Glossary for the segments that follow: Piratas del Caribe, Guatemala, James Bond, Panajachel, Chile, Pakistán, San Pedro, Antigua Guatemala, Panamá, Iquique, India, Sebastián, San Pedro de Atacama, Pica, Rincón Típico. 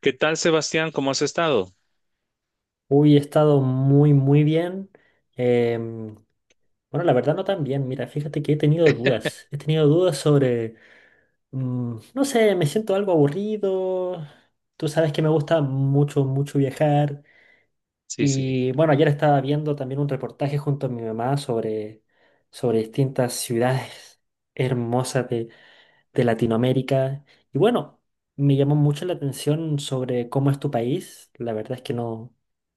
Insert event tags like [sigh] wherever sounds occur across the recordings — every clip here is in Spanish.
¿Qué tal, Sebastián? ¿Cómo has estado? Uy, he estado muy, muy bien. Em, bueno, la verdad no tan bien. Mira, fíjate que he tenido dudas. He tenido dudas sobre, no sé, me siento algo aburrido. Tú sabes que me gusta mucho, mucho viajar. Sí, sí. Y bueno, ayer estaba viendo también un reportaje junto a mi mamá sobre distintas ciudades hermosas de Latinoamérica. Y bueno, me llamó mucho la atención sobre cómo es tu país. La verdad es que no.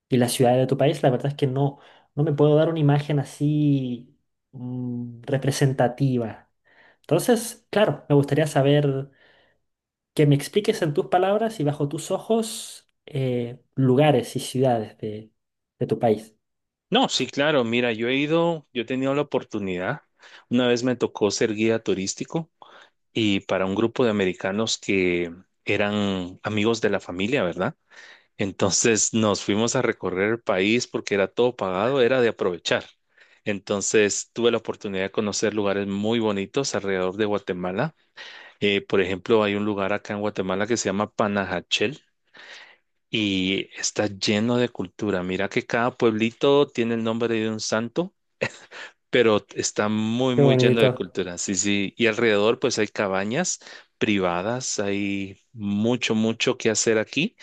Y las ciudades de tu país, la verdad es que no, no me puedo dar una imagen así, representativa. Entonces, claro, me gustaría saber que me expliques en tus palabras y bajo tus ojos lugares y ciudades de tu país. No, sí, claro. Mira, yo he ido, yo he tenido la oportunidad. Una vez me tocó ser guía turístico y para un grupo de americanos que eran amigos de la familia, ¿verdad? Entonces nos fuimos a recorrer el país porque era todo pagado, era de aprovechar. Entonces tuve la oportunidad de conocer lugares muy bonitos alrededor de Guatemala. Por ejemplo, hay un lugar acá en Guatemala que se llama Panajachel y está lleno de cultura. Mira que cada pueblito tiene el nombre de un santo, pero está muy, Qué muy lleno de bonito. cultura. Sí, sí. Y alrededor, pues hay cabañas privadas, hay mucho, mucho que hacer aquí.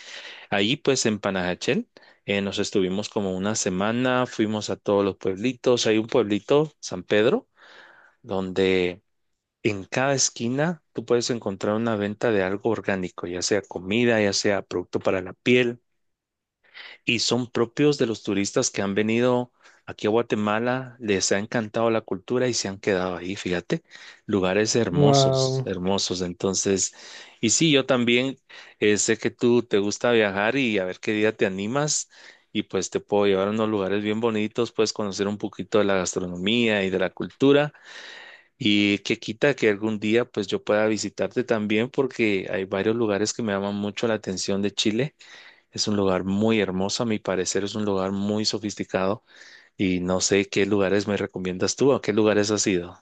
Ahí, pues en Panajachel, nos estuvimos como una semana, fuimos a todos los pueblitos. Hay un pueblito, San Pedro, donde... En cada esquina tú puedes encontrar una venta de algo orgánico, ya sea comida, ya sea producto para la piel, y son propios de los turistas que han venido aquí a Guatemala, les ha encantado la cultura y se han quedado ahí, fíjate, lugares hermosos, Wow. hermosos. Entonces, y sí, yo también sé que tú te gusta viajar y a ver qué día te animas y pues te puedo llevar a unos lugares bien bonitos, puedes conocer un poquito de la gastronomía y de la cultura y que quita que algún día pues yo pueda visitarte también porque hay varios lugares que me llaman mucho la atención de Chile, es un lugar muy hermoso, a mi parecer es un lugar muy sofisticado y no sé qué lugares me recomiendas tú, a qué lugares has ido.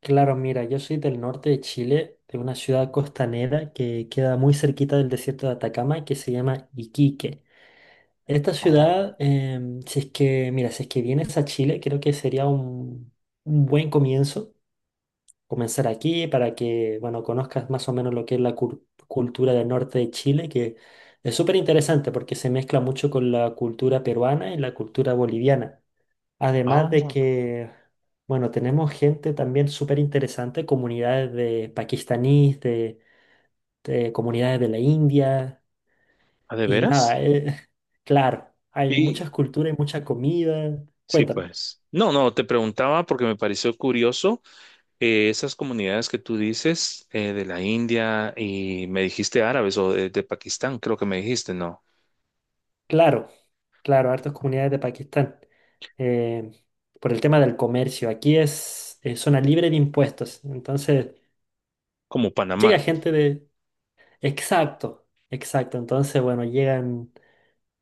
Claro, mira, yo soy del norte de Chile, de una ciudad costanera que queda muy cerquita del desierto de Atacama, que se llama Iquique. Esta Oh, ciudad, si es que, mira, si es que vienes a Chile, creo que sería un buen comienzo comenzar aquí para que, bueno, conozcas más o menos lo que es la cultura del norte de Chile, que es súper interesante porque se mezcla mucho con la cultura peruana y la cultura boliviana. ah, Además de que, bueno, tenemos gente también súper interesante, comunidades de pakistaníes, de comunidades de la India. ¿ah, ¿de Y nada, veras? [laughs] Claro, hay Y muchas culturas y mucha comida. sí, Cuéntame. pues. No, no, te preguntaba porque me pareció curioso esas comunidades que tú dices, de la India y me dijiste árabes o de Pakistán, creo que me dijiste, ¿no? Claro, claro, hartas comunidades de Pakistán. Eh, por el tema del comercio, aquí es zona libre de impuestos. Entonces, Como llega Panamá. gente de... Exacto, exacto. Entonces, bueno, llegan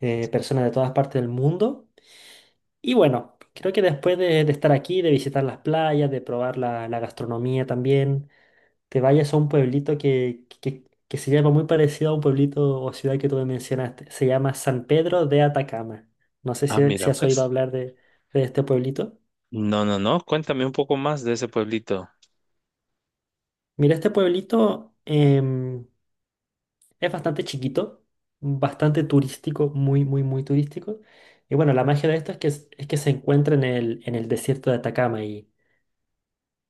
personas de todas partes del mundo. Y bueno, creo que después de estar aquí, de visitar las playas, de probar la gastronomía también te vayas a un pueblito que se llama muy parecido a un pueblito o ciudad que tú me mencionaste. Se llama San Pedro de Atacama. No sé Ah, si mira, has oído pues. hablar de de este pueblito. No, no, no, cuéntame un poco más de ese pueblito. Mira, este pueblito es bastante chiquito, bastante turístico, muy, muy, muy turístico. Y bueno, la magia de esto es que es que se encuentra en en el desierto de Atacama. y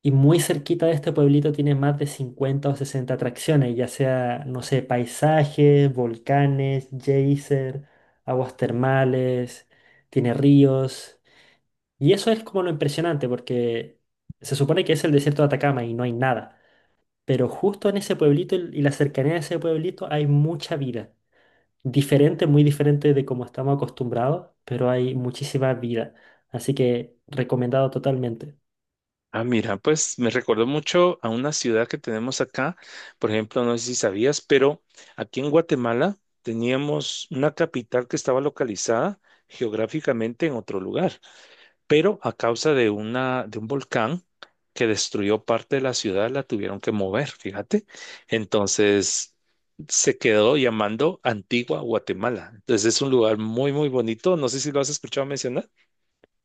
Y muy cerquita de este pueblito tiene más de 50 o 60 atracciones, ya sea, no sé, paisajes, volcanes, geyser, aguas termales, tiene ríos. Y eso es como lo impresionante, porque se supone que es el desierto de Atacama y no hay nada. Pero justo en ese pueblito y la cercanía de ese pueblito hay mucha vida. Diferente, muy diferente de como estamos acostumbrados, pero hay muchísima vida. Así que recomendado totalmente. Ah, mira, pues me recordó mucho a una ciudad que tenemos acá. Por ejemplo, no sé si sabías, pero aquí en Guatemala teníamos una capital que estaba localizada geográficamente en otro lugar, pero a causa de una, de un volcán que destruyó parte de la ciudad, la tuvieron que mover, fíjate. Entonces se quedó llamando Antigua Guatemala. Entonces es un lugar muy, muy bonito. No sé si lo has escuchado mencionar.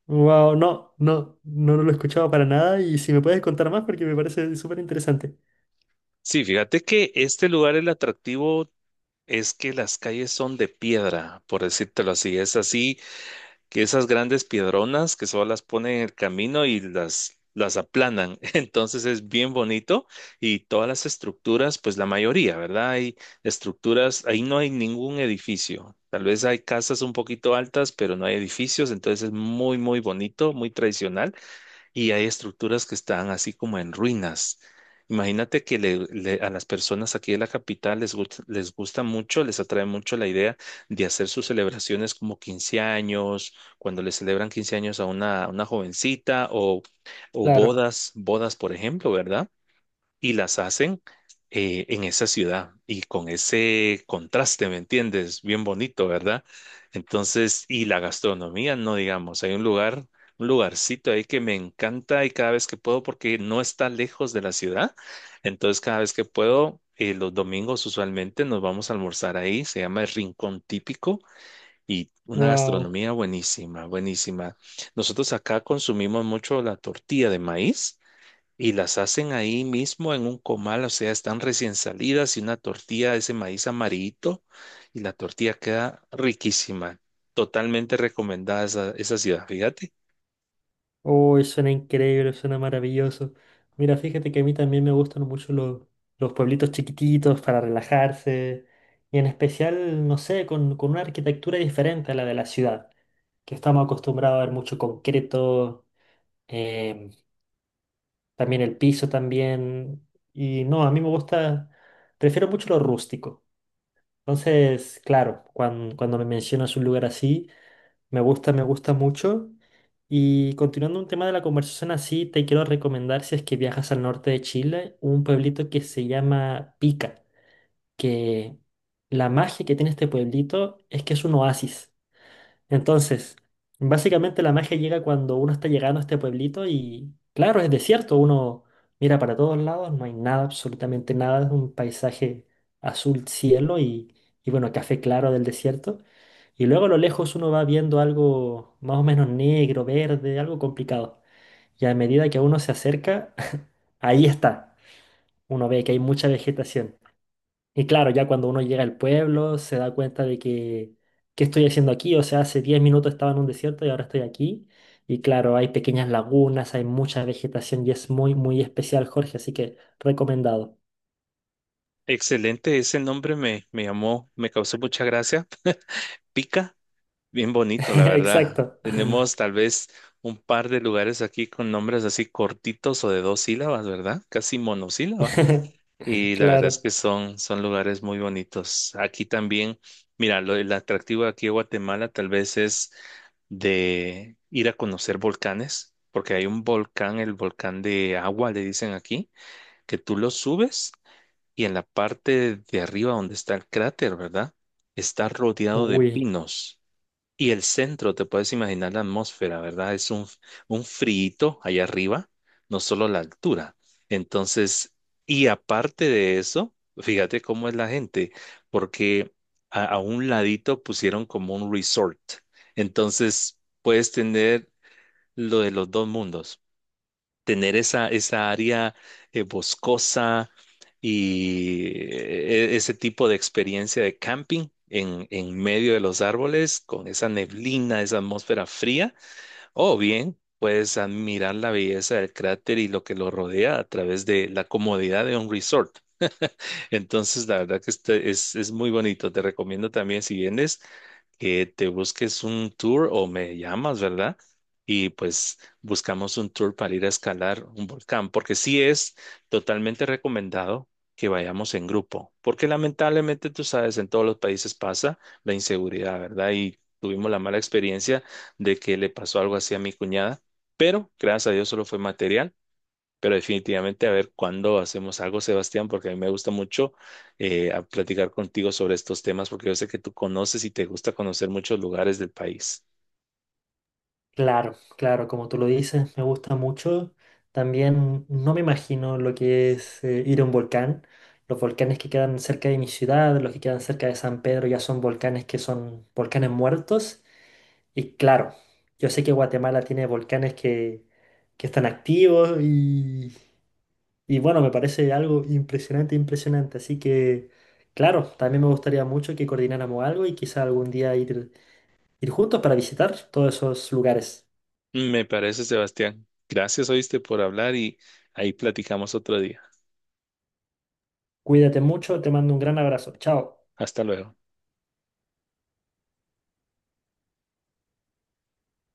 Wow, no, no, no, no lo he escuchado para nada y si me puedes contar más porque me parece súper interesante. Sí, fíjate que este lugar, el atractivo, es que las calles son de piedra, por decírtelo así. Es así que esas grandes piedronas que solo las ponen en el camino y las aplanan. [laughs] Entonces es bien bonito y todas las estructuras, pues la mayoría, ¿verdad? Hay estructuras, ahí no hay ningún edificio. Tal vez hay casas un poquito altas, pero no hay edificios. Entonces es muy, muy bonito, muy tradicional y hay estructuras que están así como en ruinas. Imagínate que a las personas aquí de la capital les, les gusta mucho, les atrae mucho la idea de hacer sus celebraciones como 15 años, cuando le celebran 15 años a una jovencita o Claro, bodas, bodas, por ejemplo, ¿verdad? Y las hacen en esa ciudad y con ese contraste, ¿me entiendes? Bien bonito, ¿verdad? Entonces, y la gastronomía, no digamos, hay un lugar, un lugarcito ahí que me encanta y cada vez que puedo, porque no está lejos de la ciudad, entonces cada vez que puedo, los domingos usualmente nos vamos a almorzar ahí, se llama el Rincón Típico. Y una wow. gastronomía buenísima, buenísima. Nosotros acá consumimos mucho la tortilla de maíz y las hacen ahí mismo en un comal, o sea, están recién salidas y una tortilla de ese maíz amarillito y la tortilla queda riquísima. Totalmente recomendada esa, esa ciudad, fíjate. Uy, suena increíble, suena maravilloso. Mira, fíjate que a mí también me gustan mucho los pueblitos chiquititos para relajarse y en especial, no sé, con una arquitectura diferente a la de la ciudad, que estamos acostumbrados a ver mucho concreto, em, también el piso también y no, a mí me gusta, prefiero mucho lo rústico. Entonces, claro, cuando me mencionas un lugar así, me gusta mucho. Y continuando un tema de la conversación así, te quiero recomendar, si es que viajas al norte de Chile, un pueblito que se llama Pica, que la magia que tiene este pueblito es que es un oasis. Entonces, básicamente la magia llega cuando uno está llegando a este pueblito y, claro, es desierto, uno mira para todos lados, no hay nada, absolutamente nada, es un paisaje azul cielo y bueno, café claro del desierto. Y luego a lo lejos uno va viendo algo más o menos negro, verde, algo complicado. Y a medida que uno se acerca, [laughs] ahí está. Uno ve que hay mucha vegetación. Y claro, ya cuando uno llega al pueblo se da cuenta de que, ¿qué estoy haciendo aquí? O sea, hace 10 minutos estaba en un desierto y ahora estoy aquí. Y claro, hay pequeñas lagunas, hay mucha vegetación y es muy, muy especial, Jorge, así que recomendado. Excelente, ese nombre me, me llamó, me causó mucha gracia. Pica, bien bonito, [laughs] la verdad. Exacto. Tenemos tal vez un par de lugares aquí con nombres así cortitos o de dos sílabas, ¿verdad? Casi monosílaba. [laughs] Y la verdad es Claro. que son, son lugares muy bonitos. Aquí también, mira, lo, el atractivo aquí en Guatemala tal vez es de ir a conocer volcanes, porque hay un volcán, el volcán de agua, le dicen aquí, que tú lo subes y en la parte de arriba donde está el cráter, ¿verdad? Está rodeado de Uy, pinos. Y el centro, te puedes imaginar la atmósfera, ¿verdad? Es un friito allá arriba, no solo la altura. Entonces, y aparte de eso, fíjate cómo es la gente, porque a un ladito pusieron como un resort. Entonces, puedes tener lo de los dos mundos, tener esa, esa área boscosa y ese tipo de experiencia de camping en medio de los árboles, con esa neblina, esa atmósfera fría, o bien puedes admirar la belleza del cráter y lo que lo rodea a través de la comodidad de un resort. Entonces, la verdad que este es muy bonito. Te recomiendo también si vienes que te busques un tour o me llamas, ¿verdad? Y pues buscamos un tour para ir a escalar un volcán, porque sí es totalmente recomendado que vayamos en grupo, porque lamentablemente tú sabes, en todos los países pasa la inseguridad, ¿verdad? Y tuvimos la mala experiencia de que le pasó algo así a mi cuñada, pero gracias a Dios solo fue material, pero definitivamente a ver cuándo hacemos algo, Sebastián, porque a mí me gusta mucho a platicar contigo sobre estos temas, porque yo sé que tú conoces y te gusta conocer muchos lugares del país. claro, claro, como tú lo dices, me gusta mucho. También no me imagino lo que es ir a un volcán. Los volcanes que quedan cerca de mi ciudad, los que quedan cerca de San Pedro, ya son volcanes que son volcanes muertos. Y claro, yo sé que Guatemala tiene volcanes que están activos y bueno, me parece algo impresionante, impresionante. Así que, claro, también me gustaría mucho que coordináramos algo y quizá algún día ir juntos para visitar todos esos lugares. Me parece, Sebastián. Gracias, oíste, por hablar y ahí platicamos otro día. Cuídate mucho, te mando un gran abrazo. Chao. Hasta luego.